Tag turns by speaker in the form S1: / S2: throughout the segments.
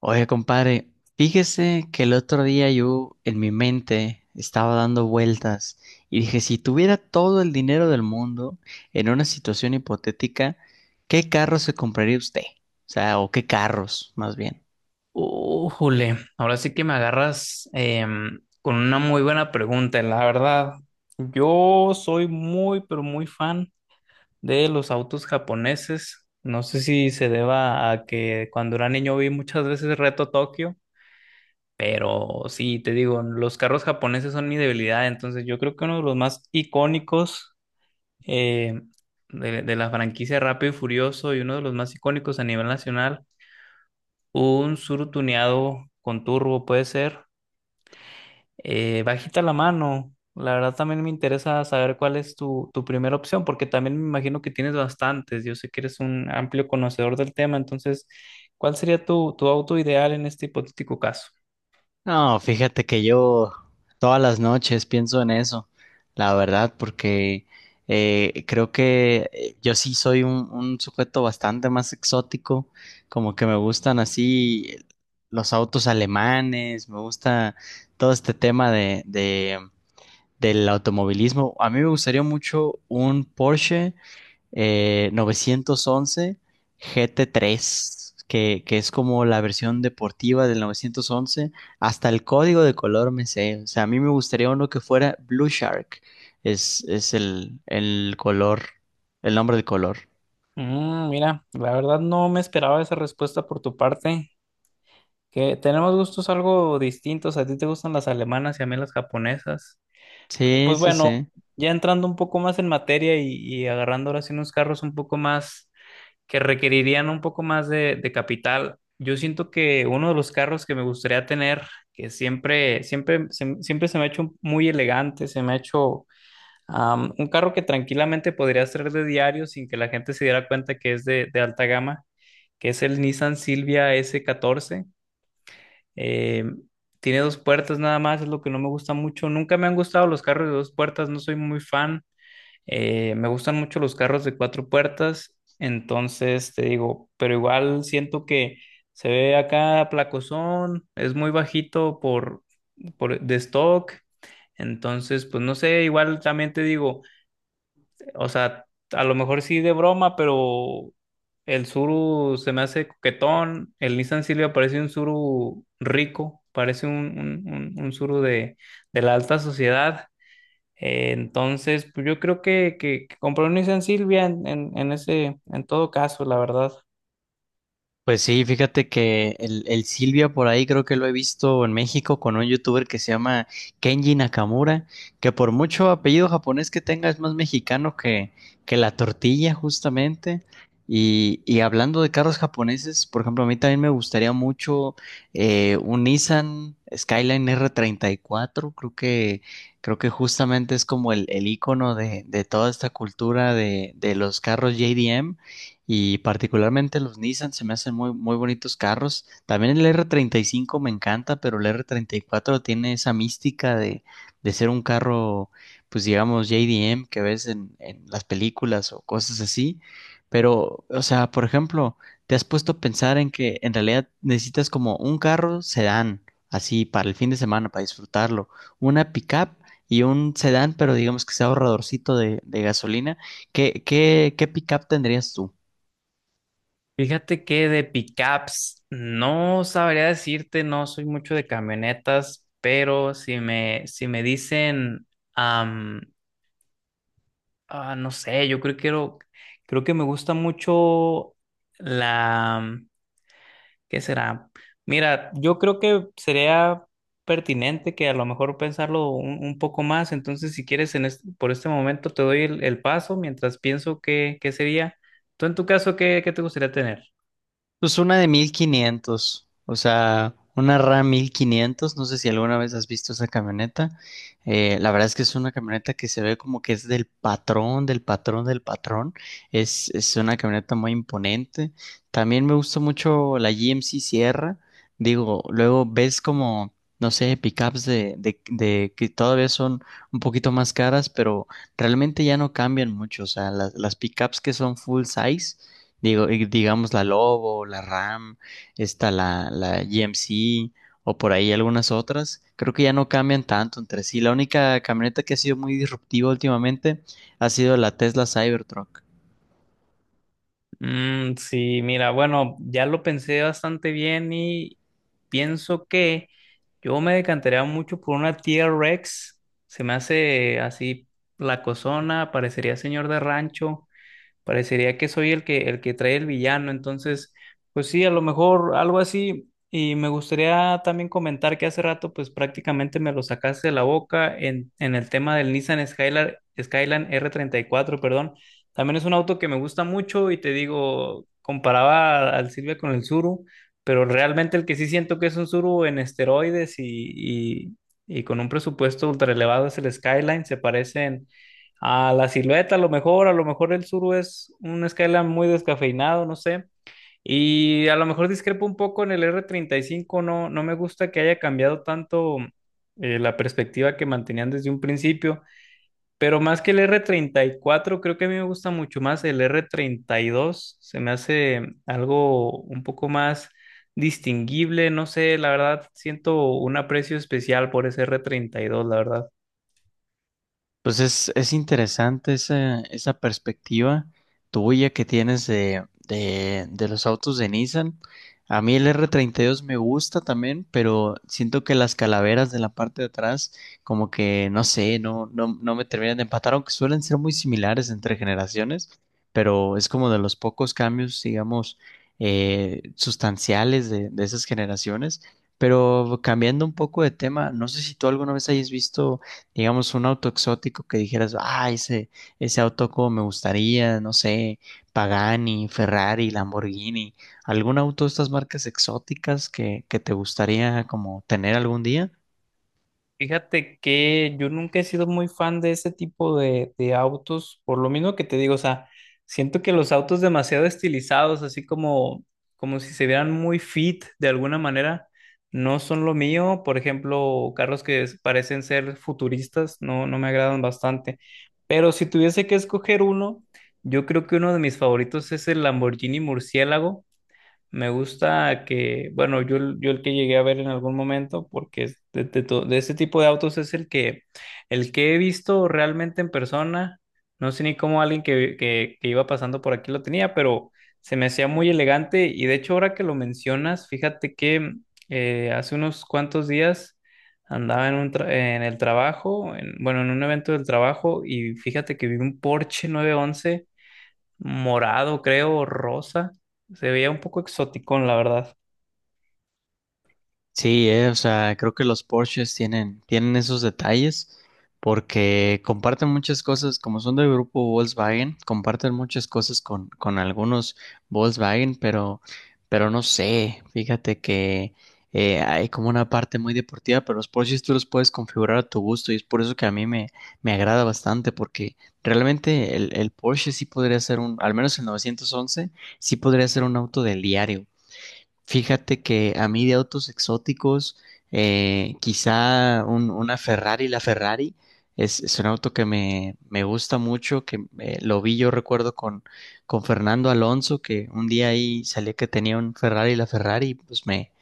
S1: Oye, compadre, fíjese que el otro día yo en mi mente estaba dando vueltas y dije, si tuviera todo el dinero del mundo en una situación hipotética, ¿qué carro se compraría usted? O sea, o qué carros, más bien.
S2: Újule, ahora sí que me agarras con una muy buena pregunta, la verdad. Yo soy muy, pero muy fan de los autos japoneses. No sé si se deba a que cuando era niño vi muchas veces Reto Tokio, pero sí, te digo, los carros japoneses son mi debilidad. Entonces, yo creo que uno de los más icónicos eh, de la franquicia Rápido y Furioso y uno de los más icónicos a nivel nacional, un Tsuru tuneado con turbo puede ser. Bajita la mano. La verdad también me interesa saber cuál es tu primera opción, porque también me imagino que tienes bastantes. Yo sé que eres un amplio conocedor del tema, entonces, ¿cuál sería tu auto ideal en este hipotético caso?
S1: No, fíjate que yo todas las noches pienso en eso, la verdad, porque creo que yo sí soy un sujeto bastante más exótico, como que me gustan así los autos alemanes, me gusta todo este tema del automovilismo. A mí me gustaría mucho un Porsche 911 GT3, que es como la versión deportiva del 911. Hasta el código de color me sé. O sea, a mí me gustaría uno que fuera Blue Shark. Es el color, el nombre del color.
S2: Mira, la verdad no me esperaba esa respuesta por tu parte, que tenemos gustos algo distintos. A ti te gustan las alemanas y a mí las japonesas.
S1: Sí,
S2: Pues
S1: sí,
S2: bueno,
S1: sí.
S2: ya entrando un poco más en materia y agarrando ahora sí unos carros un poco más que requerirían un poco más de capital. Yo siento que uno de los carros que me gustaría tener, que siempre, siempre, siempre se me ha hecho muy elegante, se me ha hecho un carro que tranquilamente podría ser de diario sin que la gente se diera cuenta que es de alta gama, que es el Nissan Silvia S14. Eh, Tiene dos puertas nada más, es lo que no me gusta mucho. Nunca me han gustado los carros de dos puertas, no soy muy fan. Me gustan mucho los carros de cuatro puertas, entonces te digo, pero igual siento que se ve acá placosón, es muy bajito por de stock, entonces pues no sé, igual también te digo, o sea, a lo mejor sí de broma, pero el Suru se me hace coquetón, el Nissan Silvia parece un Suru rico, parece un Suru de la alta sociedad. Entonces, pues yo creo que compré un Nissan Silvia en todo caso, la verdad.
S1: Pues sí, fíjate que el Silvia por ahí creo que lo he visto en México con un youtuber que se llama Kenji Nakamura, que por mucho apellido japonés que tenga es más mexicano que la tortilla justamente. Y hablando de carros japoneses, por ejemplo, a mí también me gustaría mucho un Nissan Skyline R34, creo que justamente es como el icono de toda esta cultura de los carros JDM. Y particularmente los Nissan se me hacen muy, muy bonitos carros. También el R35 me encanta, pero el R34 treinta y cuatro tiene esa mística de ser un carro, pues digamos, JDM que ves en las películas o cosas así. Pero, o sea, por ejemplo, te has puesto a pensar en que en realidad necesitas como un carro sedán, así para el fin de semana, para disfrutarlo, una pickup y un sedán, pero digamos que sea ahorradorcito de gasolina. ¿Qué pickup tendrías tú?
S2: Fíjate que de pickups no sabría decirte, no soy mucho de camionetas, pero si me dicen, am, no sé, yo creo que creo que me gusta mucho la, ¿qué será? Mira, yo creo que sería pertinente que a lo mejor pensarlo un poco más. Entonces, si quieres, por este momento te doy el paso mientras pienso qué sería. Tú, en tu caso, ¿qué te gustaría tener?
S1: Pues una de 1500, o sea, una RAM 1500. No sé si alguna vez has visto esa camioneta. La verdad es que es una camioneta que se ve como que es del patrón, del patrón, del patrón. Es una camioneta muy imponente. También me gusta mucho la GMC Sierra. Digo, luego ves como, no sé, pickups de que todavía son un poquito más caras, pero realmente ya no cambian mucho. O sea, las pickups que son full size. Digo, y digamos la Lobo, la RAM, está la GMC o por ahí algunas otras. Creo que ya no cambian tanto entre sí. La única camioneta que ha sido muy disruptiva últimamente ha sido la Tesla Cybertruck.
S2: Mm, sí, mira, bueno, ya lo pensé bastante bien y pienso que yo me decantaría mucho por una T-Rex. Se me hace así la cosona, parecería señor de rancho. Parecería que soy el que trae el villano, entonces, pues sí, a lo mejor algo así. Y me gustaría también comentar que hace rato, pues prácticamente me lo sacaste de la boca en el tema del Nissan Skyline, Skyline R34 perdón. También es un auto que me gusta mucho y te digo, comparaba al Silvia con el Suru, pero realmente el que sí siento que es un Suru en esteroides y con un presupuesto ultra elevado es el Skyline, se parecen a la silueta, a lo mejor el Suru es un Skyline muy descafeinado, no sé. Y a lo mejor discrepo un poco en el R35 no, no me gusta que haya cambiado tanto la perspectiva que mantenían desde un principio, pero más que el R34 creo que a mí me gusta mucho más el R32, se me hace algo un poco más distinguible, no sé, la verdad siento un aprecio especial por ese R32, la verdad.
S1: Pues es interesante esa perspectiva tuya que tienes de los autos de Nissan. A mí el R32 me gusta también, pero siento que las calaveras de la parte de atrás, como que no sé, no me terminan de empatar, aunque suelen ser muy similares entre generaciones, pero es como de los pocos cambios, digamos, sustanciales de esas generaciones. Pero cambiando un poco de tema, no sé si tú alguna vez hayas visto digamos, un auto exótico que dijeras, ah, ese auto como me gustaría, no sé, Pagani, Ferrari, Lamborghini, algún auto de estas marcas exóticas que te gustaría como tener algún día.
S2: Fíjate que yo nunca he sido muy fan de ese tipo de autos, por lo mismo que te digo, o sea, siento que los autos demasiado estilizados, así como si se vieran muy fit de alguna manera, no son lo mío. Por ejemplo, carros que parecen ser futuristas, no, no me agradan bastante. Pero si tuviese que escoger uno, yo creo que uno de mis favoritos es el Lamborghini Murciélago. Me gusta que, bueno, yo, yo el que llegué a ver en algún momento, porque es de ese tipo de autos es el que he visto realmente en persona. No sé ni cómo alguien que iba pasando por aquí lo tenía, pero se me hacía muy elegante. Y de hecho, ahora que lo mencionas, fíjate que hace unos cuantos días andaba en el trabajo, bueno, en un evento del trabajo, y fíjate que vi un Porsche 911 morado, creo, o rosa. Se veía un poco exoticón, la verdad.
S1: Sí, o sea, creo que los Porsches tienen esos detalles porque comparten muchas cosas, como son del grupo Volkswagen, comparten muchas cosas con algunos Volkswagen, pero no sé, fíjate que hay como una parte muy deportiva, pero los Porsches tú los puedes configurar a tu gusto y es por eso que a mí me agrada bastante porque realmente el Porsche sí podría ser al menos el 911, sí podría ser un auto del diario. Fíjate que a mí de autos exóticos, quizá una Ferrari, la Ferrari es un auto que me gusta mucho, que lo vi yo recuerdo con Fernando Alonso, que un día ahí salía que tenía un Ferrari, la Ferrari, pues me,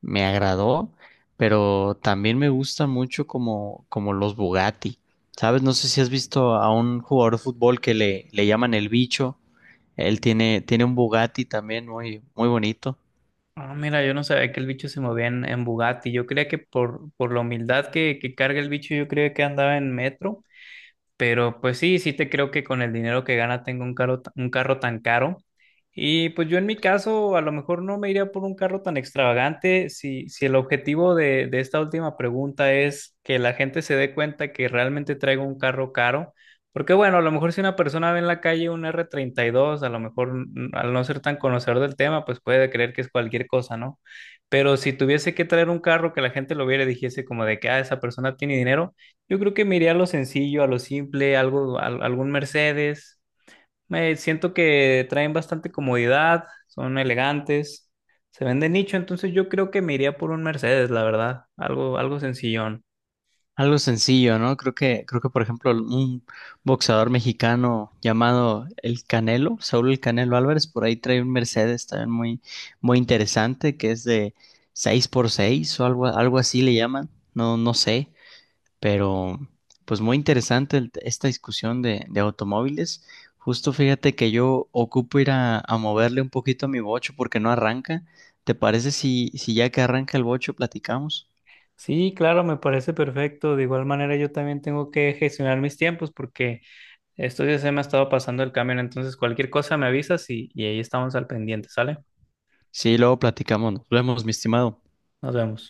S1: me agradó, pero también me gusta mucho como los Bugatti, ¿sabes? No sé si has visto a un jugador de fútbol que le llaman el bicho, él tiene un Bugatti también muy, muy bonito.
S2: Ah, mira, yo no sabía que el bicho se movía en Bugatti. Yo creía que por la humildad que carga el bicho, yo creía que andaba en metro. Pero pues sí, sí te creo que con el dinero que gana tengo un carro, un carro tan caro. Y pues yo en mi caso a lo mejor no me iría por un carro tan extravagante si el objetivo de esta última pregunta es que la gente se dé cuenta que realmente traigo un carro caro. Porque bueno, a lo mejor si una persona ve en la calle un R32 a lo mejor al no ser tan conocedor del tema, pues puede creer que es cualquier cosa, ¿no? Pero si tuviese que traer un carro que la gente lo viera y dijese como de que, ah, esa persona tiene dinero. Yo creo que me iría a lo sencillo, a lo simple, algo, algún Mercedes. Me siento que traen bastante comodidad, son elegantes, se ven de nicho, entonces yo creo que me iría por un Mercedes, la verdad, algo sencillón.
S1: Algo sencillo, ¿no? Creo que, por ejemplo, un boxeador mexicano llamado El Canelo, Saúl El Canelo Álvarez, por ahí trae un Mercedes también muy, muy interesante, que es de 6x6 o algo así le llaman, no, no sé, pero pues muy interesante esta discusión de automóviles. Justo fíjate que yo ocupo ir a moverle un poquito a mi bocho porque no arranca. ¿Te parece si ya que arranca el bocho platicamos?
S2: Sí, claro, me parece perfecto. De igual manera, yo también tengo que gestionar mis tiempos porque estos días se me ha estado pasando el camión, entonces cualquier cosa me avisas y ahí estamos al pendiente, ¿sale?
S1: Sí, luego platicamos. Nos vemos, mi estimado.
S2: Nos vemos.